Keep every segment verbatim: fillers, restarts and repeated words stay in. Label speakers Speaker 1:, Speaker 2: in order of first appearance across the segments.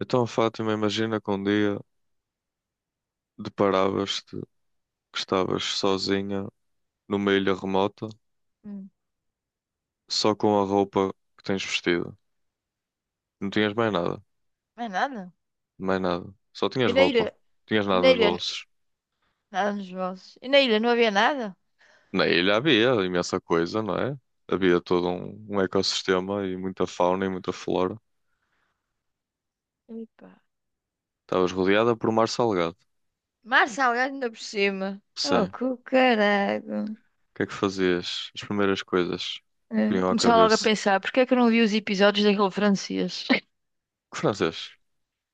Speaker 1: Então, Fátima, imagina que um dia deparavas-te que estavas sozinha numa ilha remota,
Speaker 2: Hum,
Speaker 1: só com a roupa que tens vestida. Não tinhas mais nada,
Speaker 2: não é nada.
Speaker 1: mais nada. Só
Speaker 2: E
Speaker 1: tinhas
Speaker 2: na
Speaker 1: roupa,
Speaker 2: ilha,
Speaker 1: não tinhas
Speaker 2: e
Speaker 1: nada
Speaker 2: na
Speaker 1: nos
Speaker 2: ilha,
Speaker 1: bolsos.
Speaker 2: nada nos vossos. E na ilha não havia nada?
Speaker 1: Na ilha havia imensa coisa, não é? Havia todo um, um ecossistema e muita fauna e muita flora.
Speaker 2: epá,
Speaker 1: Estavas rodeada por mar salgado.
Speaker 2: Mar salgado ainda por cima.
Speaker 1: Sim.
Speaker 2: Oh, que
Speaker 1: O
Speaker 2: caralho.
Speaker 1: que é que fazias? As primeiras coisas que
Speaker 2: É,
Speaker 1: vinham à
Speaker 2: Começava logo a
Speaker 1: cabeça.
Speaker 2: pensar, porque é que eu não vi os episódios daquele francês?
Speaker 1: Que francês?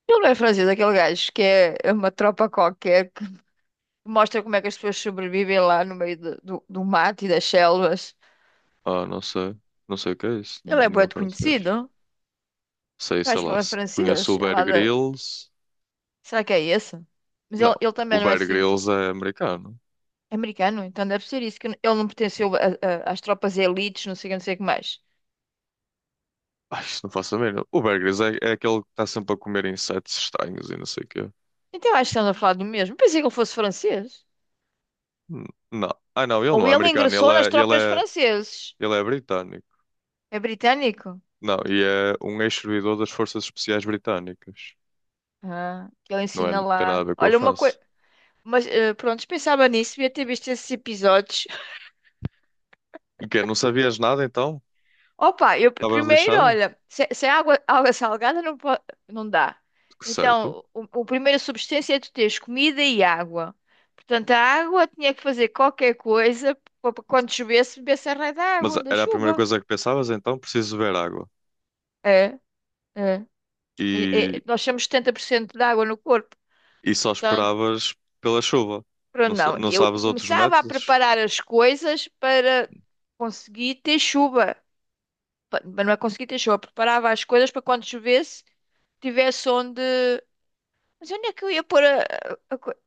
Speaker 2: Ele não é francês, é aquele gajo que é é uma tropa qualquer que mostra como é que as pessoas sobrevivem lá no meio do, do, do mato e das selvas.
Speaker 1: Ah, não sei. Não sei o que é isso.
Speaker 2: Ele é bué
Speaker 1: Língua
Speaker 2: de
Speaker 1: francês.
Speaker 2: conhecido.
Speaker 1: Sei,
Speaker 2: Eu
Speaker 1: sei
Speaker 2: acho que
Speaker 1: lá.
Speaker 2: ele é
Speaker 1: se- Conheço
Speaker 2: francês.
Speaker 1: o
Speaker 2: É
Speaker 1: Bear
Speaker 2: lá da...
Speaker 1: Grylls.
Speaker 2: Será que é esse? Mas
Speaker 1: Não,
Speaker 2: ele, ele também
Speaker 1: o
Speaker 2: não é
Speaker 1: Bear
Speaker 2: assim.
Speaker 1: Grylls é americano.
Speaker 2: Americano? Então deve ser isso, que ele não pertenceu a- a- às tropas elites, não sei o que, não sei o que mais.
Speaker 1: Ai, isto não faço a mínima. O Bear Grylls é, é aquele que está sempre a comer insetos estranhos e não sei o quê.
Speaker 2: Então acho que estamos a falar do mesmo. Pensei que ele fosse francês.
Speaker 1: N- Não. Ah, não, ele
Speaker 2: Ou
Speaker 1: não é
Speaker 2: ele
Speaker 1: americano.
Speaker 2: ingressou
Speaker 1: Ele é,
Speaker 2: nas
Speaker 1: ele
Speaker 2: tropas
Speaker 1: é,
Speaker 2: franceses.
Speaker 1: ele é britânico.
Speaker 2: É britânico?
Speaker 1: Não, e é um ex-servidor das Forças Especiais Britânicas.
Speaker 2: Ah, que ele
Speaker 1: Não é,
Speaker 2: ensina
Speaker 1: não tem nada a
Speaker 2: lá.
Speaker 1: ver com a
Speaker 2: Olha, uma
Speaker 1: França.
Speaker 2: coisa... Mas eh, pronto, pensava nisso, devia ter visto esses episódios.
Speaker 1: O quê? Não sabias nada então?
Speaker 2: Opa, eu p-
Speaker 1: Estavas
Speaker 2: primeiro,
Speaker 1: lixado?
Speaker 2: olha, se, se é água, água salgada não, po- não dá.
Speaker 1: Que certo.
Speaker 2: Então, o, o primeiro substância é tu teres comida e água. Portanto, a água tinha que fazer qualquer coisa para quando chovesse, bebesse a raio da
Speaker 1: Mas
Speaker 2: água, da
Speaker 1: era a primeira
Speaker 2: chuva.
Speaker 1: coisa que pensavas então? Preciso beber água.
Speaker 2: É, é. E-
Speaker 1: E
Speaker 2: e- nós temos setenta por cento de água no corpo.
Speaker 1: e só
Speaker 2: Portanto,
Speaker 1: esperavas pela chuva. Não,
Speaker 2: pronto,
Speaker 1: sa-
Speaker 2: não.
Speaker 1: não
Speaker 2: Eu
Speaker 1: sabes outros
Speaker 2: começava a
Speaker 1: métodos?
Speaker 2: preparar as coisas para conseguir ter chuva. Pa- Mas não é conseguir ter chuva, preparava as coisas para quando chovesse, tivesse onde. Mas onde é que eu ia pôr a, a, coisa?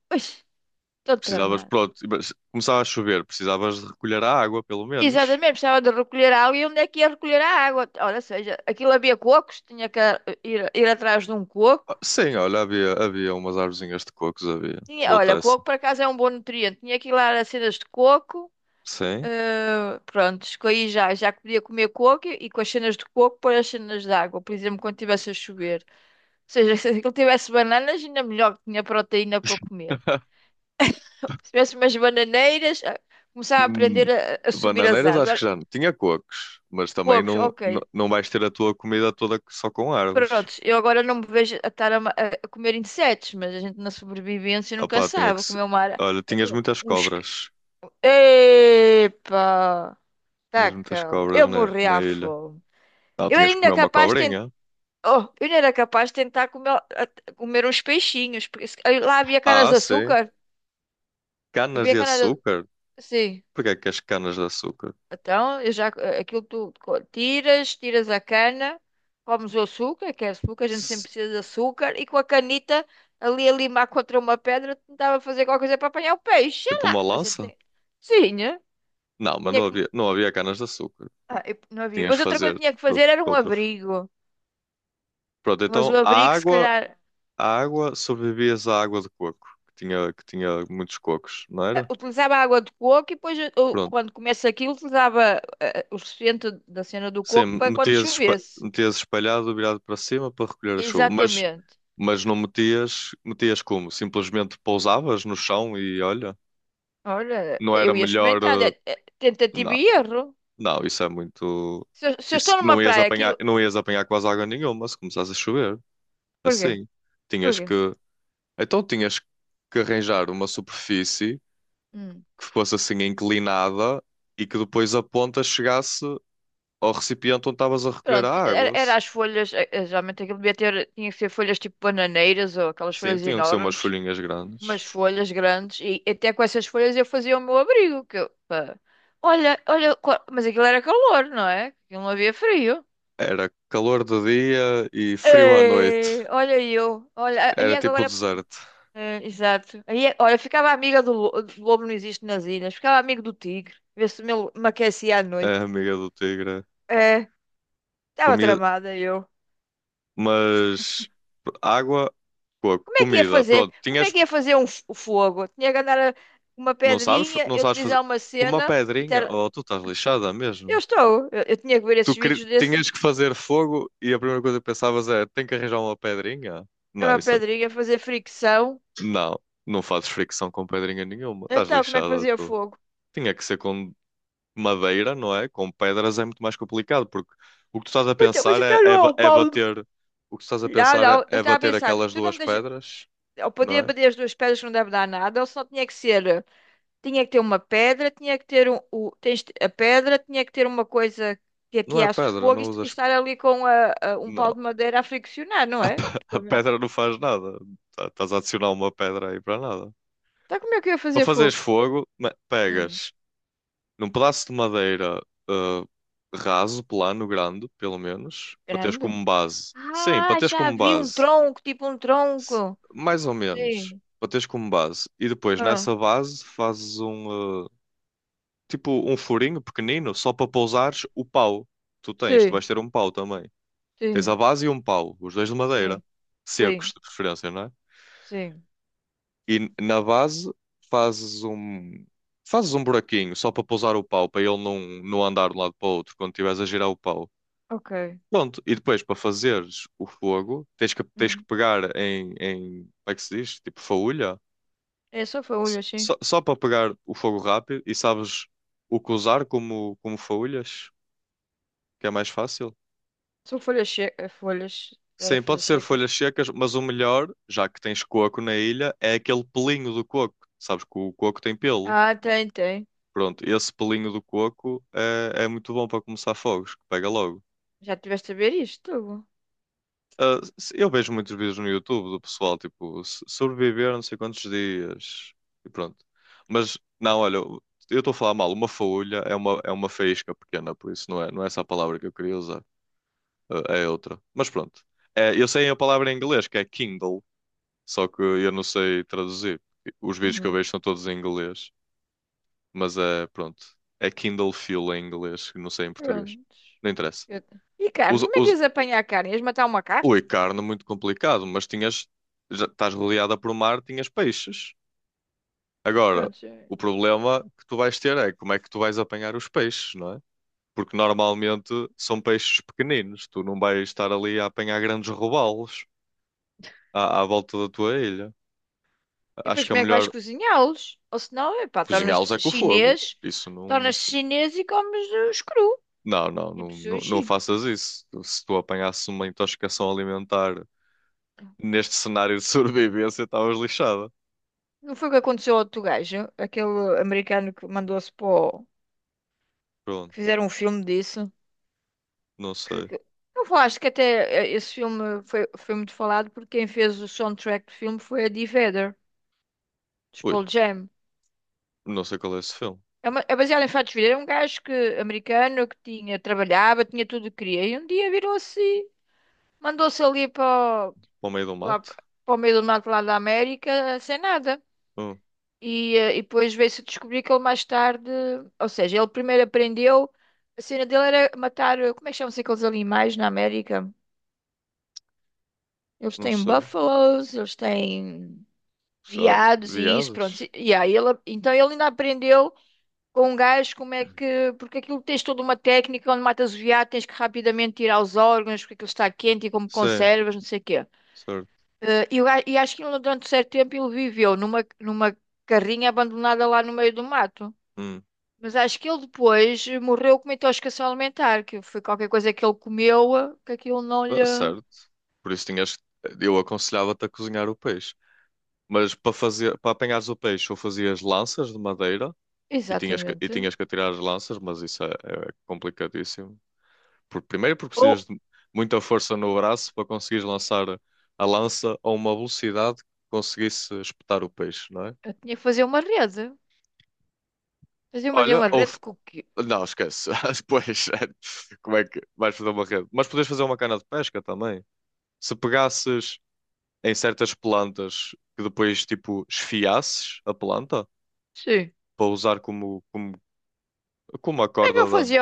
Speaker 2: Estou
Speaker 1: Precisavas,
Speaker 2: tramado.
Speaker 1: pronto, mas começava a chover, precisavas de recolher a água, pelo menos.
Speaker 2: Exatamente, precisava de recolher água e onde é que ia recolher a água? Olha, seja, aquilo havia cocos, tinha que ir, ir atrás de um coco.
Speaker 1: Ah, sim, olha, havia, havia umas arvozinhas de cocos, havia.
Speaker 2: Tinha,
Speaker 1: Dou-te
Speaker 2: olha,
Speaker 1: essa.
Speaker 2: coco por acaso é um bom nutriente. Tinha que ir lá às cenas de coco.
Speaker 1: Sim.
Speaker 2: Eh, pronto, escolhi já, já que podia comer coco e, e com as cenas de coco pôr as cenas de água, por exemplo, quando estivesse a chover. Ou seja, se aquilo tivesse bananas, ainda melhor que tinha proteína para comer. Se tivesse umas bananeiras, ah, começava a aprender
Speaker 1: Hum,
Speaker 2: a, a subir as
Speaker 1: bananeiras acho que
Speaker 2: árvores.
Speaker 1: já não. Tinha cocos, mas também
Speaker 2: Poucos,
Speaker 1: não,
Speaker 2: ok.
Speaker 1: não, não vais ter a tua comida toda só com árvores.
Speaker 2: Prontos, eu agora não me vejo a estar a, ma- a- a comer insetos, mas a gente na sobrevivência nunca
Speaker 1: Opá, tinha
Speaker 2: sabe.
Speaker 1: que
Speaker 2: Vou
Speaker 1: se...
Speaker 2: comer uma ara...
Speaker 1: Olha, tinhas
Speaker 2: um, um,
Speaker 1: muitas
Speaker 2: um esqui-
Speaker 1: cobras.
Speaker 2: Epa!
Speaker 1: Tinhas muitas
Speaker 2: Taca lá.
Speaker 1: cobras
Speaker 2: Eu
Speaker 1: na,
Speaker 2: morri
Speaker 1: na
Speaker 2: à
Speaker 1: ilha.
Speaker 2: fome.
Speaker 1: Ah,
Speaker 2: Eu era
Speaker 1: tinhas que
Speaker 2: ainda
Speaker 1: comer uma
Speaker 2: capaz de tentar.
Speaker 1: cobrinha.
Speaker 2: Oh, eu ainda era capaz de tentar comer, a- comer uns peixinhos, porque se- aí lá havia canas
Speaker 1: Ah,
Speaker 2: de
Speaker 1: sim.
Speaker 2: açúcar.
Speaker 1: Canas
Speaker 2: Havia
Speaker 1: de
Speaker 2: canas de...
Speaker 1: açúcar?
Speaker 2: Sim.
Speaker 1: Porquê é que as canas de açúcar?
Speaker 2: Então, eu já, eh, aquilo tu co- tiras, tiras a cana, comes o açúcar, que é açúcar, a gente sempre
Speaker 1: Se-
Speaker 2: precisa de açúcar, e com a canita ali a limar contra uma pedra, tentava fazer qualquer coisa para apanhar o peixe, sei
Speaker 1: Tipo
Speaker 2: lá.
Speaker 1: uma
Speaker 2: A gente
Speaker 1: lança?
Speaker 2: tem... Sim, né?
Speaker 1: Não, mas
Speaker 2: Tinha
Speaker 1: não
Speaker 2: que...
Speaker 1: havia, não havia canas de açúcar.
Speaker 2: ah, eu- Não havia.
Speaker 1: Tinhas de
Speaker 2: Pois outra
Speaker 1: fazer
Speaker 2: coisa que tinha que
Speaker 1: de
Speaker 2: fazer
Speaker 1: out-
Speaker 2: era
Speaker 1: com
Speaker 2: um
Speaker 1: outra. f-
Speaker 2: abrigo.
Speaker 1: Pronto,
Speaker 2: Mas o
Speaker 1: então a
Speaker 2: abrigo, se
Speaker 1: água,
Speaker 2: calhar,
Speaker 1: a água, sobrevivias à água de coco, que tinha, que tinha muitos cocos, não
Speaker 2: eh,
Speaker 1: era?
Speaker 2: utilizava água de coco e depois, eh, eu,
Speaker 1: Pronto.
Speaker 2: quando começa aquilo, utilizava eh, eh, o suficiente da cena do
Speaker 1: Sim,
Speaker 2: coco para quando
Speaker 1: metias, espa-
Speaker 2: chovesse.
Speaker 1: metias espalhado, virado para cima para recolher a chuva. Mas,
Speaker 2: Exatamente.
Speaker 1: mas não metias, metias como? Simplesmente pousavas no chão e olha,
Speaker 2: Olha,
Speaker 1: não era
Speaker 2: eu ia
Speaker 1: melhor.
Speaker 2: experimentando.
Speaker 1: eh,
Speaker 2: É- é Tentativa
Speaker 1: Não,
Speaker 2: e erro.
Speaker 1: não, isso é muito.
Speaker 2: Se eu, se eu
Speaker 1: Isso,
Speaker 2: estou numa
Speaker 1: não ias
Speaker 2: praia,
Speaker 1: apanhar,
Speaker 2: aquilo.
Speaker 1: não ias apanhar quase água nenhuma se começasse a chover.
Speaker 2: Porquê?
Speaker 1: Assim. Tinhas
Speaker 2: Porquê?
Speaker 1: que. Então tinhas que arranjar uma superfície
Speaker 2: Hum.
Speaker 1: que fosse assim inclinada e que depois a ponta chegasse ao recipiente onde estavas a recolher a
Speaker 2: Pronto, era,
Speaker 1: água.
Speaker 2: era as folhas. eh, eh, Geralmente aquilo devia ter. Tinha que ser folhas tipo bananeiras ou aquelas
Speaker 1: Sim,
Speaker 2: folhas
Speaker 1: tinham que ser umas
Speaker 2: enormes.
Speaker 1: folhinhas
Speaker 2: Umas
Speaker 1: grandes.
Speaker 2: folhas grandes. E até com essas folhas eu fazia o meu abrigo. Que eu, pá. Olha, olha. qua- Mas aquilo era calor, não é? Aquilo não havia frio.
Speaker 1: Era calor de dia e frio à noite.
Speaker 2: Ei, olha eu. Olha, e
Speaker 1: Era tipo o
Speaker 2: agora.
Speaker 1: deserto.
Speaker 2: É, exato. Aí, é- olha, ficava amiga do, lo- do lobo, não existe nas ilhas. Ficava amigo do tigre, ver se me, me aquecia à
Speaker 1: A
Speaker 2: noite.
Speaker 1: amiga do tigre.
Speaker 2: É, estava
Speaker 1: Comia,
Speaker 2: tramada eu.
Speaker 1: mas água, co-
Speaker 2: Como é que ia
Speaker 1: comida.
Speaker 2: fazer?
Speaker 1: Pronto,
Speaker 2: Como é
Speaker 1: tinhas.
Speaker 2: que ia fazer um, f- o fogo? Tinha que andar a- uma
Speaker 1: Não sabes?
Speaker 2: pedrinha,
Speaker 1: Não
Speaker 2: eu
Speaker 1: sabes fazer.
Speaker 2: utilizar uma
Speaker 1: Com uma
Speaker 2: cena e
Speaker 1: pedrinha?
Speaker 2: ter...
Speaker 1: Oh, tu estás lixada
Speaker 2: Eu
Speaker 1: mesmo.
Speaker 2: estou. Eu, eu tinha que ver esses
Speaker 1: Tu queri-
Speaker 2: vídeos desse.
Speaker 1: tinhas que fazer fogo e a primeira coisa que pensavas é: tenho que arranjar uma pedrinha? Não,
Speaker 2: Era uma
Speaker 1: isso é...
Speaker 2: pedrinha, fazer fricção.
Speaker 1: Não, não fazes fricção com pedrinha nenhuma. Estás
Speaker 2: Então, como é que
Speaker 1: lixada,
Speaker 2: fazia
Speaker 1: tu.
Speaker 2: fogo?
Speaker 1: Tinha que ser com madeira, não é? Com pedras é muito mais complicado, porque o que tu estás a
Speaker 2: Mas, então- mas
Speaker 1: pensar é,
Speaker 2: então não
Speaker 1: é,
Speaker 2: é
Speaker 1: ba-
Speaker 2: o
Speaker 1: é
Speaker 2: pau. de-
Speaker 1: bater. O que tu estás a
Speaker 2: Não,
Speaker 1: pensar
Speaker 2: não.
Speaker 1: é,
Speaker 2: Eu
Speaker 1: é
Speaker 2: estava a
Speaker 1: bater
Speaker 2: pensar,
Speaker 1: aquelas
Speaker 2: tu não
Speaker 1: duas
Speaker 2: me deixas...
Speaker 1: pedras,
Speaker 2: Eu podia
Speaker 1: não é?
Speaker 2: bater as duas pedras que não deve dar nada, ou só tinha que ser. Tinha que ter uma pedra, tinha que ter um, o, tens- a pedra, tinha que ter uma coisa que
Speaker 1: Não é
Speaker 2: ateasse
Speaker 1: pedra,
Speaker 2: fogo e,
Speaker 1: não
Speaker 2: est- e
Speaker 1: usas.
Speaker 2: estar ali com a- a- um pau
Speaker 1: Não.
Speaker 2: de madeira a friccionar, não
Speaker 1: A,
Speaker 2: é?
Speaker 1: pe- a pedra não faz nada. Tá- Estás a adicionar uma pedra aí para nada.
Speaker 2: Então como é que eu ia
Speaker 1: Para
Speaker 2: fazer
Speaker 1: fazeres
Speaker 2: fogo?
Speaker 1: fogo, me-
Speaker 2: Hum,
Speaker 1: pegas num pedaço de madeira uh, raso, plano, grande, pelo menos, para teres
Speaker 2: grande?
Speaker 1: como base. Sim, para
Speaker 2: Ah,
Speaker 1: teres
Speaker 2: já
Speaker 1: como
Speaker 2: vi um
Speaker 1: base.
Speaker 2: tronco, tipo um
Speaker 1: S-
Speaker 2: tronco.
Speaker 1: Mais ou menos.
Speaker 2: Sim.
Speaker 1: Para teres como base. E depois,
Speaker 2: Ah,
Speaker 1: nessa base, fazes um, uh, tipo um furinho pequenino só para pousares o pau. Tu tens, tu
Speaker 2: sim,
Speaker 1: vais ter um pau também. Tens a
Speaker 2: sim,
Speaker 1: base e um pau, os dois de madeira.
Speaker 2: sim,
Speaker 1: Secos,
Speaker 2: sim,
Speaker 1: de preferência, não é?
Speaker 2: sim.
Speaker 1: E na base fazes um, fazes um buraquinho só para pousar o pau, para ele não, não andar de um lado para o outro quando estiveres a girar o pau.
Speaker 2: Ok.
Speaker 1: Pronto, e depois para fazeres o fogo, tens que, tens que
Speaker 2: Hum.
Speaker 1: pegar em, em, como é que se diz? Tipo faúlha,
Speaker 2: É só
Speaker 1: S-
Speaker 2: folhas, sim.
Speaker 1: só, só para pegar o fogo rápido e sabes o que usar como, como faúlhas, que é mais fácil.
Speaker 2: São folhas secas. Folhas. Era
Speaker 1: Sim, pode
Speaker 2: folhas
Speaker 1: ser folhas
Speaker 2: secas.
Speaker 1: secas, mas o melhor, já que tens coco na ilha, é aquele pelinho do coco. Sabes que o coco tem pelo.
Speaker 2: Ah, tem, tem.
Speaker 1: Pronto, esse pelinho do coco é, é muito bom para começar fogos, que pega logo.
Speaker 2: Já tiveste a ver isto?
Speaker 1: Ah, se- eu vejo muitos vídeos no YouTube do pessoal, tipo, se- sobreviver não sei quantos dias e pronto. Mas, não, olha, eu estou a falar mal, uma faúlha é uma, é uma faísca pequena, por isso não é, não é essa a palavra que eu queria usar. Ah, é outra. Mas pronto, é, eu sei a palavra em inglês, que é Kindle, só que eu não sei traduzir. Os vídeos que eu vejo são todos em inglês, mas é, pronto, é Kindle Fuel em inglês, que não sei em português.
Speaker 2: Prontos.
Speaker 1: Não interessa.
Speaker 2: Eu- E carne?
Speaker 1: Os-
Speaker 2: Como é que
Speaker 1: os-
Speaker 2: ias apanhar carne? Ias matar um macaco?
Speaker 1: ui, carne muito complicado, mas tinhas, já estás rodeada por mar, tinhas peixes. Agora,
Speaker 2: Prontos, é.
Speaker 1: o problema que tu vais ter é como é que tu vais apanhar os peixes, não é? Porque normalmente são peixes pequeninos, tu não vais estar ali a apanhar grandes robalos à, à volta da tua ilha.
Speaker 2: E
Speaker 1: Acho
Speaker 2: depois
Speaker 1: que é
Speaker 2: como é que vais
Speaker 1: melhor
Speaker 2: cozinhá-los? Ou senão, epá,
Speaker 1: cozinhá-los é
Speaker 2: tornas-te
Speaker 1: com o fogo.
Speaker 2: chinês,
Speaker 1: Isso não,
Speaker 2: tornas-te
Speaker 1: isso-
Speaker 2: chinês e comes os cru.
Speaker 1: Não, não,
Speaker 2: Tipo
Speaker 1: não, não,
Speaker 2: sushi.
Speaker 1: não faças isso. Se tu apanhasses uma intoxicação alimentar neste cenário de sobrevivência, estavas lixada.
Speaker 2: Não foi o que aconteceu ao outro gajo? Aquele americano que mandou-se para o...
Speaker 1: Pronto,
Speaker 2: que fizeram um filme disso.
Speaker 1: não
Speaker 2: Que...
Speaker 1: sei.
Speaker 2: que- Não falaste que até eh, esse filme foi, foi muito falado porque quem fez o soundtrack do filme foi a Eddie Vedder, dos
Speaker 1: Ui,
Speaker 2: Pearl Jam.
Speaker 1: não sei qual é esse filme.
Speaker 2: É, uma- é baseado em fatos verídicos. Era um gajo que, americano que tinha, trabalhava, tinha tudo o que queria. E um dia virou-se, mandou-se ali para, o-
Speaker 1: Para o meio do
Speaker 2: lá,
Speaker 1: mato?
Speaker 2: para o meio do mato lá da América, sem nada.
Speaker 1: Hum,
Speaker 2: E, eh, e depois veio-se descobrir que ele mais tarde, ou seja, ele primeiro aprendeu, a cena dele era matar, eh, como é que chamam-se aqueles animais na América? Eles
Speaker 1: não
Speaker 2: têm
Speaker 1: sei.
Speaker 2: búfalos, eles têm
Speaker 1: Sabe?
Speaker 2: veados e isso, pronto.
Speaker 1: Viadas?
Speaker 2: E, e aí ele, então ele ainda aprendeu. Com gás, como é que. Porque aquilo tens toda uma técnica onde matas o veado, tens que rapidamente tirar os órgãos, porque aquilo está quente e como
Speaker 1: Sim,
Speaker 2: conservas, não sei o quê.
Speaker 1: certo.
Speaker 2: Eh, e, o ga- e acho que ele, durante um certo tempo ele viveu numa, numa carrinha abandonada lá no meio do mato.
Speaker 1: Hum,
Speaker 2: Mas acho que ele depois morreu com uma intoxicação alimentar, que foi qualquer coisa que ele comeu, eh, que aquilo não lhe.
Speaker 1: ah, certo. Por isso tinhas. Eu aconselhava-te a cozinhar o peixe. Mas para fazer, para apanhares o peixe, ou fazias lanças de madeira e tinhas que, e
Speaker 2: Exatamente.
Speaker 1: tinhas que atirar as lanças, mas isso é, é complicadíssimo. Por, primeiro, porque
Speaker 2: Ou
Speaker 1: precisas de muita força no braço para conseguires lançar a lança a uma velocidade que conseguisse espetar o peixe, não é?
Speaker 2: eu tinha que fazer uma rede. Fazia fazer
Speaker 1: Olha,
Speaker 2: uma
Speaker 1: ou,
Speaker 2: rede com o quê?
Speaker 1: não, esquece. Depois, como é que vais fazer uma rede? Mas podes fazer uma cana de pesca também. Se pegasses em certas plantas que depois, tipo, esfiasses a planta
Speaker 2: Sim.
Speaker 1: para usar como, como, como a
Speaker 2: Como é que eu
Speaker 1: corda da.
Speaker 2: fazia?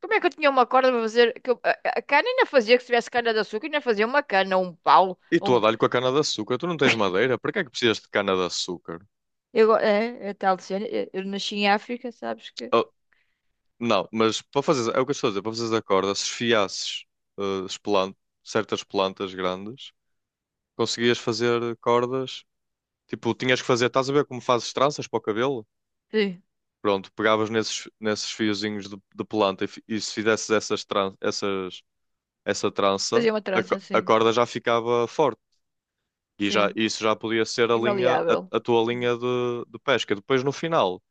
Speaker 2: Como é que eu tinha uma corda para fazer? Que eu- a, a cana ainda fazia, que se tivesse cana de açúcar, ainda fazia uma cana, um pau,
Speaker 1: E tu a
Speaker 2: um.
Speaker 1: dar-lhe com a cana de açúcar. Tu não tens madeira? Para que é que precisas de cana de açúcar?
Speaker 2: Eu, é, é tal de cena. Eu, eu nasci em África, sabes que?
Speaker 1: Ah, não, mas para fazer. É o que eu estou a dizer. Para fazer a corda, se esfiasses ah, as plan- certas plantas grandes, conseguias fazer cordas. Tipo, tinhas que fazer. Estás a ver como fazes tranças para o cabelo?
Speaker 2: Sim,
Speaker 1: Pronto, pegavas nesses, nesses fiozinhos de, de planta e, fi- e se fizesses essas, tran- essas, essa trança,
Speaker 2: fazia uma
Speaker 1: a,
Speaker 2: trança
Speaker 1: co- a
Speaker 2: assim,
Speaker 1: corda já ficava forte. E já,
Speaker 2: sim,
Speaker 1: isso já podia ser a linha,
Speaker 2: imaleável.
Speaker 1: a, a tua
Speaker 2: Hum.
Speaker 1: linha de, de pesca. Depois, no final,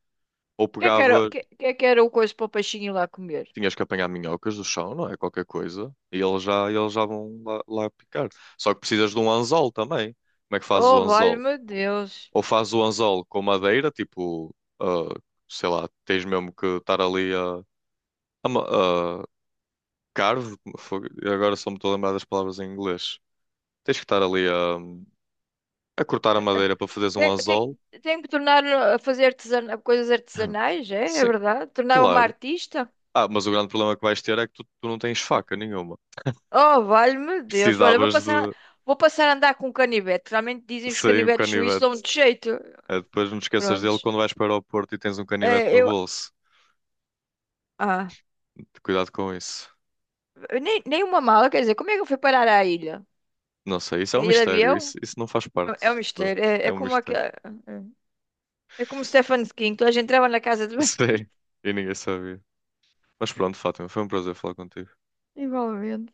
Speaker 1: ou
Speaker 2: Que é que era,
Speaker 1: pegavas,
Speaker 2: que, que é que era o coisa para o peixinho ir lá comer?
Speaker 1: tinhas que apanhar minhocas do chão, não é? Qualquer coisa. E eles já, eles já vão lá, lá picar. Só que precisas de um anzol também. Como é que fazes o
Speaker 2: Oh,
Speaker 1: anzol?
Speaker 2: valha-me Deus.
Speaker 1: Ou fazes o anzol com madeira, tipo, ah, sei lá, tens mesmo que estar ali a Carve? Fogo. Agora só me estou a lembrar das palavras em inglês. Tens que estar ali a, a cortar a madeira para fazeres um
Speaker 2: Tem, tem,
Speaker 1: anzol.
Speaker 2: tem que tornar a fazer artesana, coisas
Speaker 1: Hum.
Speaker 2: artesanais, é? É
Speaker 1: Sim,
Speaker 2: verdade? Tornar-me uma
Speaker 1: claro.
Speaker 2: artista?
Speaker 1: Ah, mas o grande problema que vais ter é que tu, tu não tens faca nenhuma.
Speaker 2: Oh, valha-me Deus. Olha, vou
Speaker 1: Precisavas
Speaker 2: passar,
Speaker 1: de
Speaker 2: vou passar a andar com um canivete. Realmente dizem que os
Speaker 1: sair um
Speaker 2: canivetes suíços dão
Speaker 1: canivete.
Speaker 2: de jeito.
Speaker 1: Eh, depois não te esqueças dele
Speaker 2: Prontos.
Speaker 1: quando vais para o aeroporto e tens um canivete
Speaker 2: Eh,
Speaker 1: no
Speaker 2: eu.
Speaker 1: bolso.
Speaker 2: Ah,
Speaker 1: Cuidado com isso.
Speaker 2: nem, nem uma mala, quer dizer, como é que eu fui parar à ilha?
Speaker 1: Não sei, isso é um
Speaker 2: Caí de
Speaker 1: mistério.
Speaker 2: avião?
Speaker 1: Isso, isso não faz parte.
Speaker 2: É é um
Speaker 1: do-
Speaker 2: mistério. É,
Speaker 1: É
Speaker 2: é
Speaker 1: um
Speaker 2: como aquele.
Speaker 1: mistério.
Speaker 2: É é como Stephen King, toda a gente entrava na casa de banho.
Speaker 1: Sim, e ninguém sabia. Mas pronto, Fátima, foi um prazer falar contigo.
Speaker 2: Igualmente.